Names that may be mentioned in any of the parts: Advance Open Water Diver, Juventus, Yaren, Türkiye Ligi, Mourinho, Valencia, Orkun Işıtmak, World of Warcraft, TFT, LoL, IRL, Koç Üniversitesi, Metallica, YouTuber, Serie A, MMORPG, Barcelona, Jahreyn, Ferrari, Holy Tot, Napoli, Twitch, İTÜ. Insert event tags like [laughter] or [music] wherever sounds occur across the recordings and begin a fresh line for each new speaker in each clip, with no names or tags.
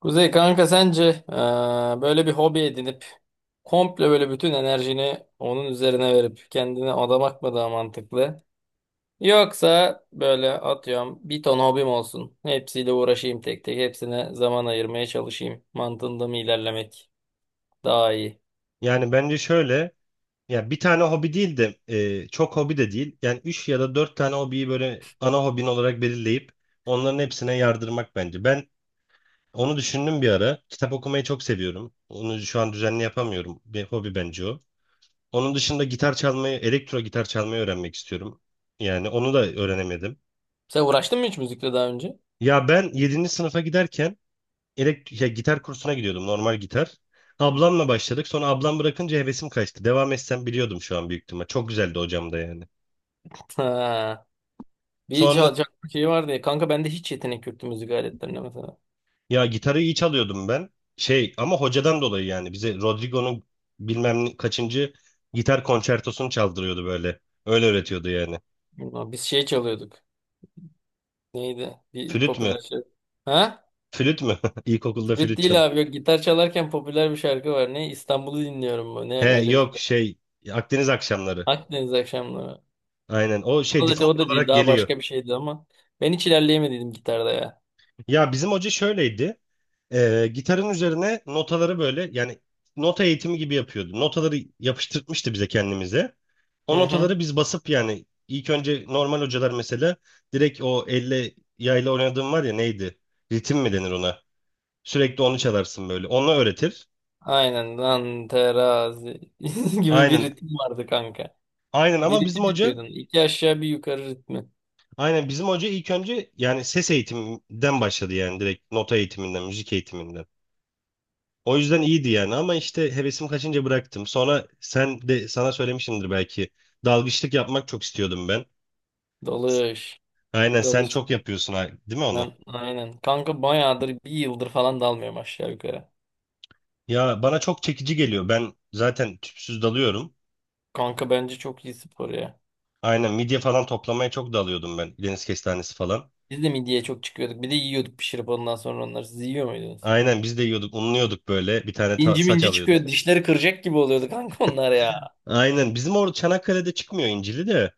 Kuzey kanka sence eee, böyle bir hobi edinip komple böyle bütün enerjini onun üzerine verip kendine adamak mı daha mantıklı? Yoksa böyle atıyorum bir ton hobim olsun. Hepsiyle uğraşayım tek tek. Hepsine zaman ayırmaya çalışayım. Mantığında mı ilerlemek daha iyi?
Yani bence şöyle, ya bir tane hobi değil de çok hobi de değil. Yani 3 ya da 4 tane hobiyi böyle ana hobin olarak belirleyip onların hepsine yardırmak bence. Ben onu düşündüm bir ara. Kitap okumayı çok seviyorum. Onu şu an düzenli yapamıyorum. Bir hobi bence o. Onun dışında gitar çalmayı, elektro gitar çalmayı öğrenmek istiyorum. Yani onu da öğrenemedim.
Sen uğraştın mı hiç müzikle daha önce?
Ya ben yedinci sınıfa giderken elekt ya gitar kursuna gidiyordum, normal gitar. Ablamla başladık. Sonra ablam bırakınca hevesim kaçtı. Devam etsem biliyordum şu an büyük ihtimal. Çok güzeldi hocam da yani.
[laughs] Ha. Bir
Sonra
çalacak şey vardı ya. Kanka bende hiç yetenek yoktu müzik aletlerine mesela.
ya gitarı iyi çalıyordum ben. Şey ama hocadan dolayı yani bize Rodrigo'nun kaçıncı gitar konçertosunu çaldırıyordu böyle. Öyle öğretiyordu yani.
Biz şey çalıyorduk. Neydi? Bir
Flüt mü?
popüler şey. Ha?
Flüt mü? [laughs] İlkokulda
Evet
flüt çal.
değil abi. Yok, gitar çalarken popüler bir şarkı var. Ne İstanbul'u dinliyorum mu?
He
Ne öyle bir şey.
yok şey Akdeniz akşamları.
Akdeniz akşamları.
Aynen, o şey
O da,
default
o da değil.
olarak
Daha
geliyor.
başka bir şeydi ama. Ben hiç ilerleyemediydim gitarda ya.
Ya bizim hoca şöyleydi. Gitarın üzerine notaları böyle yani nota eğitimi gibi yapıyordu. Notaları yapıştırtmıştı bize kendimize. O
Hı hı.
notaları biz basıp yani ilk önce normal hocalar mesela direkt o elle yayla oynadığım var ya, neydi? Ritim mi denir ona? Sürekli onu çalarsın böyle. Onu öğretir.
Aynen. Lan terazi [laughs] gibi bir
Aynen.
ritim vardı kanka.
Aynen
Bir
ama bizim
ritim
hoca
yapıyordun. İki aşağı bir yukarı ritmi.
ilk önce yani ses eğitiminden başladı, yani direkt nota eğitiminden, müzik eğitiminden. O yüzden iyiydi yani, ama işte hevesim kaçınca bıraktım. Sonra sen de, sana söylemişimdir belki. Dalgıçlık yapmak çok istiyordum ben.
Dalış.
Aynen sen
Dalış.
çok yapıyorsun, değil mi onu?
Ben, aynen. Kanka bayağıdır bir yıldır falan dalmıyorum aşağı yukarı.
Ya bana çok çekici geliyor. Ben zaten tüpsüz dalıyorum.
Kanka bence çok iyi spor ya.
Aynen midye falan toplamaya çok dalıyordum ben. Deniz kestanesi falan.
Biz de midyeye çok çıkıyorduk. Bir de yiyorduk pişirip ondan sonra onları. Siz yiyor muydunuz?
Aynen biz de yiyorduk, unluyorduk böyle. Bir tane
İnci
saç
minci
alıyorduk.
çıkıyor. Dişleri kıracak gibi oluyordu kanka onlar ya.
Aynen bizim orada Çanakkale'de çıkmıyor incili de.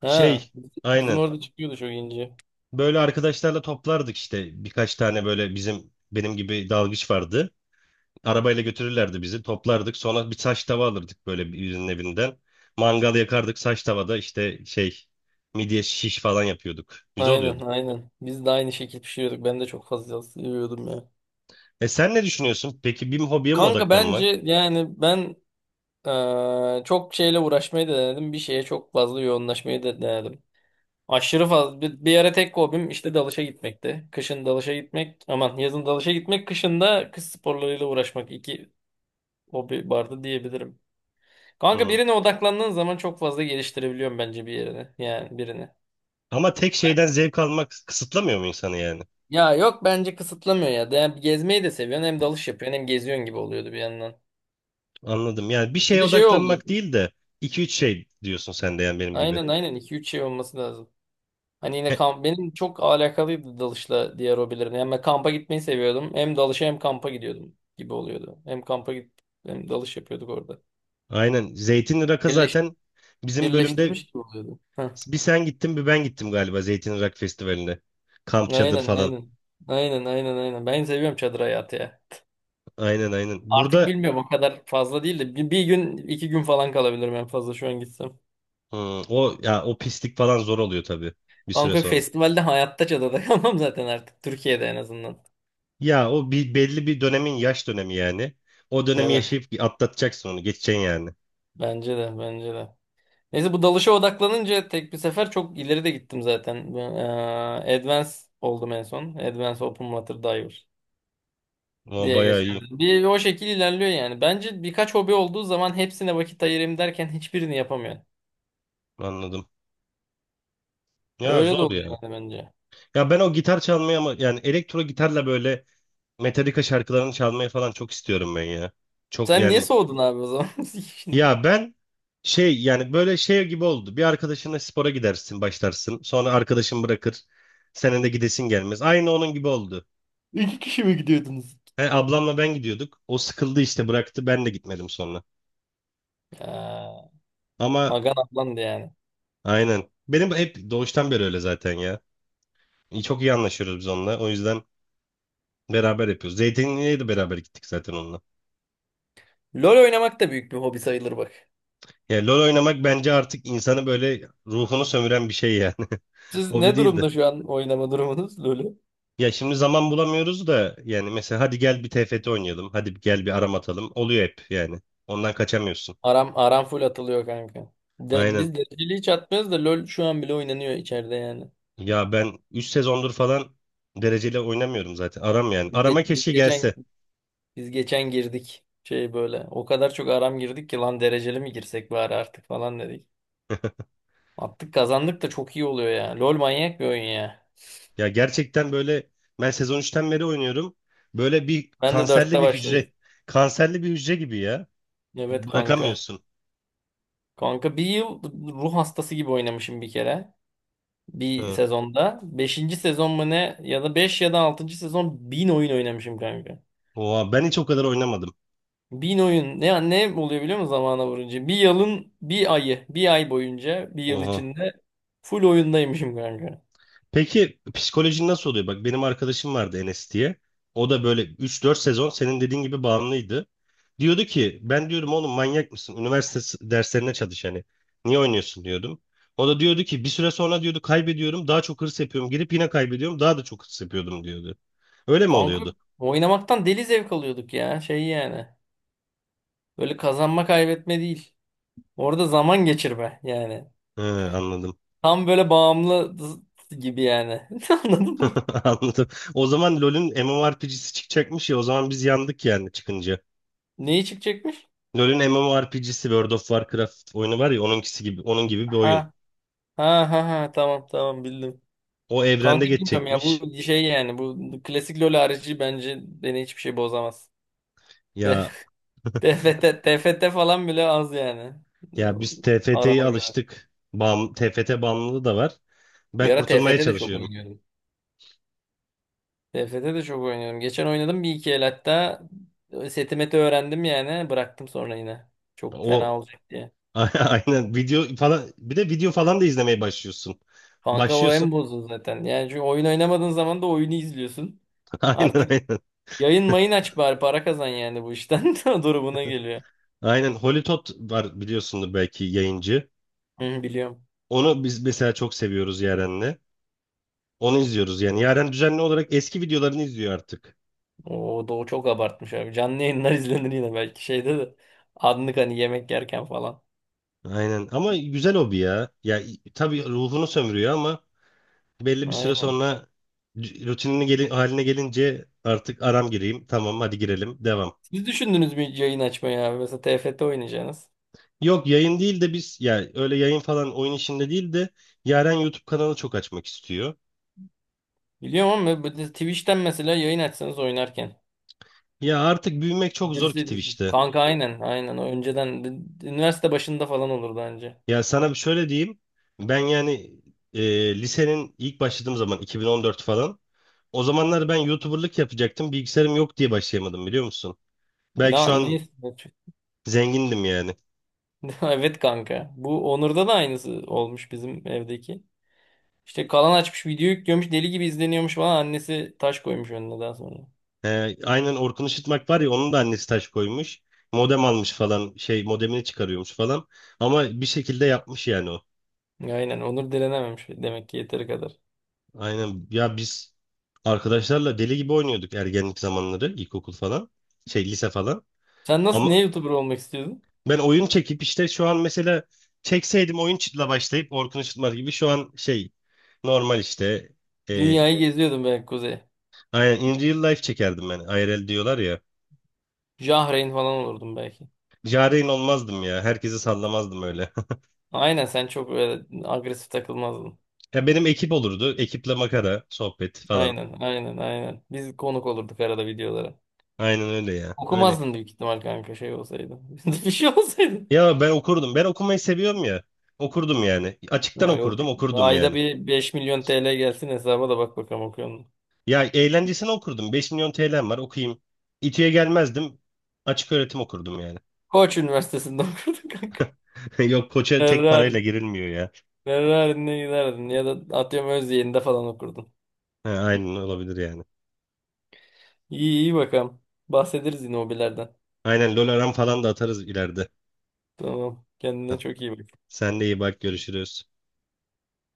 Ha.
Şey
Bizim
aynen,
orada çıkıyordu çok inci.
böyle arkadaşlarla toplardık işte. Birkaç tane böyle bizim, benim gibi dalgıç vardı. Arabayla götürürlerdi bizi. Toplardık. Sonra bir saç tava alırdık böyle birinin evinden. Mangal yakardık saç tavada, işte şey, midye şiş falan yapıyorduk. Güzel
Aynen
oluyordu.
aynen. Biz de aynı şekil pişiriyorduk. Ben de çok fazla seviyordum ya.
E sen ne düşünüyorsun peki, bir hobiye mi
Kanka
odaklanmak?
bence yani ben çok şeyle uğraşmayı da denedim. Bir şeye çok fazla yoğunlaşmayı da denedim. Aşırı fazla. Bir ara tek hobim işte dalışa gitmekti. Kışın dalışa gitmek. Aman yazın dalışa gitmek. Kışın da kış sporlarıyla uğraşmak. İki hobi vardı diyebilirim. Kanka
Hı.
birine odaklandığın zaman çok fazla geliştirebiliyorum bence bir yerini. Yani birini.
Ama tek şeyden zevk almak kısıtlamıyor mu insanı yani?
Ya yok bence kısıtlamıyor ya. De, hem gezmeyi de seviyorsun hem dalış yapıyorsun hem geziyorsun gibi oluyordu bir yandan.
Anladım. Yani bir
Bir
şeye
de şey oldu.
odaklanmak değil de iki üç şey diyorsun sen de yani benim gibi.
Aynen aynen, iki üç şey olması lazım. Hani yine
He,
kamp benim çok alakalıydı dalışla diğer hobilerim. Yani ben kampa gitmeyi seviyordum. Hem dalışa hem kampa gidiyordum gibi oluyordu. Hem kampa git hem dalış yapıyorduk orada.
aynen. Zeytin Irak'a
Birleş,
zaten bizim bölümde
birleştirmiş gibi oluyordu. Heh.
bir sen gittin bir ben gittim galiba Zeytin Irak Festivali'ne. Kamp çadır
Aynen
falan.
aynen. Aynen aynen aynen. Ben seviyorum çadır hayatı ya.
Aynen aynen.
Artık
Burada
bilmiyorum o kadar fazla değil de bir gün iki gün falan kalabilirim en fazla şu an gitsem.
O ya, o pislik falan zor oluyor tabii bir süre
Bangkok
sonra.
Festival'de hayatta çadada [laughs] kalmam zaten artık Türkiye'de en azından.
Ya o bir belli bir dönemin yaş dönemi yani. O dönemi
Evet,
yaşayıp atlatacaksın onu, geçeceksin yani.
bence de bence de. Neyse bu dalışa odaklanınca tek bir sefer çok ileri de gittim zaten. Ben, Advance oldum en son. Advance Open Water Diver
O
diye
bayağı
geçer.
iyi.
Bir o şekil ilerliyor yani. Bence birkaç hobi olduğu zaman hepsine vakit ayırayım derken hiçbirini yapamıyor.
Anladım. Ya
Öyle de
zor ya.
oluyor yani bence.
Ya ben o gitar çalmayı, ama yani elektro gitarla böyle Metallica şarkılarını çalmayı falan çok istiyorum ben ya. Çok
Sen niye
yani,
soğudun abi o zaman? [laughs]
ya ben şey yani böyle şey gibi oldu. Bir arkadaşınla spora gidersin, başlarsın. Sonra arkadaşın bırakır. Senin de gidesin gelmez. Aynı onun gibi oldu.
İki kişi mi gidiyordunuz?
He, ablamla ben gidiyorduk. O sıkıldı işte, bıraktı. Ben de gitmedim sonra.
Ha,
Ama
Agan ablandı yani.
aynen. Benim hep doğuştan beri öyle zaten ya. Çok iyi anlaşıyoruz biz onunla. O yüzden beraber yapıyoruz. Zeytinli'ye de beraber gittik zaten onunla.
LoL oynamak da büyük bir hobi sayılır bak.
Ya LoL oynamak bence artık insanı, böyle ruhunu sömüren bir şey yani. [laughs]
Siz
Hobi
ne
değildi.
durumda şu an oynama durumunuz LoL'ü?
Ya şimdi zaman bulamıyoruz da, yani mesela hadi gel bir TFT oynayalım. Hadi gel bir aram atalım. Oluyor hep yani. Ondan kaçamıyorsun.
Aram, aram full atılıyor kanka. De,
Aynen.
biz dereceli hiç atmıyoruz da LoL şu an bile oynanıyor içeride yani.
Ya ben 3 sezondur falan dereceli oynamıyorum zaten. Aram yani.
Biz,
Arama
ge- biz
keşke gelse.
geçen biz geçen girdik şey böyle. O kadar çok aram girdik ki lan dereceli mi girsek bari artık falan dedik. Attık kazandık da çok iyi oluyor ya. LoL manyak bir oyun ya.
Ya gerçekten böyle ben sezon üçten beri oynuyorum. Böyle bir
Ben de
kanserli
dörtte
bir
başladım.
hücre. Kanserli bir hücre gibi ya.
Evet kanka.
Bırakamıyorsun.
Kanka bir yıl ruh hastası gibi oynamışım bir kere bir
Hı.
sezonda. Beşinci sezon mu ne ya da 5 ya da altıncı sezon 1.000 oyun oynamışım kanka.
Oha, ben hiç o kadar oynamadım.
1.000 oyun ne oluyor biliyor musun zamana vurunca? Bir yılın bir ayı, bir ay boyunca bir yıl
Oha.
içinde full oyundaymışım kanka.
Peki psikolojin nasıl oluyor? Bak benim arkadaşım vardı, Enes diye. O da böyle üç dört sezon senin dediğin gibi bağımlıydı. Diyordu ki, ben diyorum, oğlum manyak mısın? Üniversite derslerine çalış hani. Niye oynuyorsun diyordum. O da diyordu ki bir süre sonra, diyordu, kaybediyorum daha çok hırs yapıyorum. Girip yine kaybediyorum, daha da çok hırs yapıyordum diyordu. Öyle mi
Kanka
oluyordu?
oynamaktan deli zevk alıyorduk ya şey yani. Böyle kazanma kaybetme değil. Orada zaman geçirme yani.
He, anladım.
Tam böyle bağımlı gibi yani. [laughs] Anladın mı?
[laughs] Anladım. O zaman LoL'ün MMORPG'si çıkacakmış ya, o zaman biz yandık yani çıkınca.
Neyi çıkacakmış?
LoL'ün MMORPG'si, World of Warcraft oyunu var ya, onunkisi gibi, onun gibi bir oyun.
Ha ha ha ha, tamam tamam bildim.
O
Kanka
evrende
bilmiyorum ya
geçecekmiş.
bu şey yani bu klasik LoL harici bence beni hiçbir şey bozamaz. De-
Ya
[laughs] TFT falan bile az yani.
ya biz TFT'ye
Arama göre.
alıştık. Bam, TFT bağımlılığı da var.
Bir
Ben
ara
kurtulmaya
TFT de çok
çalışıyorum.
oynuyordum. TFT de çok oynuyorum. Geçen oynadım bir iki el hatta setimeti öğrendim yani bıraktım sonra yine. Çok
O
fena olacak diye.
[laughs] aynen, video falan, bir de video falan da izlemeye başlıyorsun.
Kanka o
Başlıyorsun.
en bozdu zaten. Yani çünkü oyun oynamadığın zaman da oyunu izliyorsun.
[laughs] Aynen
Artık
aynen.
yayın mayın aç bari para kazan yani bu işten. [laughs] Durumuna geliyor.
Aynen Holy Tot var biliyorsundur belki, yayıncı.
Hı, biliyorum.
Onu biz mesela çok seviyoruz Yaren'le. Onu izliyoruz yani. Yaren düzenli olarak eski videolarını izliyor artık.
O Doğu çok abartmış abi. Canlı yayınlar [laughs] izlenir yine belki şeyde de. Anlık hani yemek yerken falan.
Aynen. Ama güzel hobi ya. Ya tabii ruhunu sömürüyor, ama belli bir süre
Aynen.
sonra rutinini haline gelince artık aram gireyim. Tamam, hadi girelim. Devam.
Siz düşündünüz mü hiç yayın açmayı abi? Mesela TFT oynayacaksınız.
Yok, yayın değil de biz, ya öyle yayın falan oyun işinde değil de, Yaren YouTube kanalı çok açmak istiyor.
Biliyorum ama böyle Twitch'ten mesela yayın açsanız oynarken.
Ya artık büyümek çok zor ki
Girseydiniz.
Twitch'te.
Kanka aynen aynen. O önceden üniversite başında falan olurdu bence.
Ya sana bir şöyle diyeyim. Ben yani lisenin ilk başladığım zaman 2014 falan. O zamanlar ben YouTuber'lık yapacaktım. Bilgisayarım yok diye başlayamadım biliyor musun? Belki
Na,
şu an
neyse. [laughs]
zengindim yani.
Evet kanka. Bu Onur'da da aynısı olmuş bizim evdeki. İşte kalan açmış, video yüklüyormuş, deli gibi izleniyormuş falan, annesi taş koymuş önüne daha sonra.
Aynen Orkun Işıtmak var ya, onun da annesi taş koymuş. Modem almış falan, şey, modemini çıkarıyormuş falan. Ama bir şekilde yapmış yani o.
Aynen Onur direnememiş demek ki yeteri kadar.
Aynen, ya biz arkadaşlarla deli gibi oynuyorduk ergenlik zamanları, ilkokul falan. Şey, lise falan.
Sen nasıl ne
Ama
YouTuber olmak istiyordun?
ben oyun çekip işte, şu an mesela çekseydim oyun çıtla başlayıp Orkun Işıtmak gibi şu an, şey, normal işte, e,
Dünyayı geziyordun belki Kuzey.
aynen, in real life çekerdim ben. IRL diyorlar ya.
Jahreyn falan olurdun belki.
Jareyn olmazdım ya. Herkesi sallamazdım öyle. [laughs]
Aynen sen çok öyle agresif takılmazdın.
Ya benim ekip olurdu. Ekiple makara, sohbet falan.
Aynen aynen aynen. Biz konuk olurduk arada videolara.
Aynen öyle ya. Öyle.
Okumazdın büyük ihtimal kanka şey olsaydı. [laughs] Bir şey olsaydı.
Ya ben okurdum. Ben okumayı seviyorum ya. Okurdum yani. Açıktan
Ha, yok.
okurdum, okurdum
Ayda
yani.
bir 5.000.000 TL gelsin hesaba da bak bakalım okuyor musun?
Ya eğlencesine okurdum. 5 milyon TL'm var, okuyayım. İTÜ'ye gelmezdim. Açık öğretim okurdum yani.
Koç Üniversitesi'nde [laughs] okurdun kanka.
[laughs] Yok, koça tek parayla
Ferrari.
girilmiyor ya.
Ferrari'ne giderdin ya da atıyorum Özyeğin'de falan okurdun.
Ha, aynen, olabilir yani.
İyi iyi bakalım. Bahsederiz yine hobilerden.
Aynen LoL aram falan da atarız ileride.
Tamam. Kendine
[laughs]
çok iyi bak.
Sen de iyi bak, görüşürüz.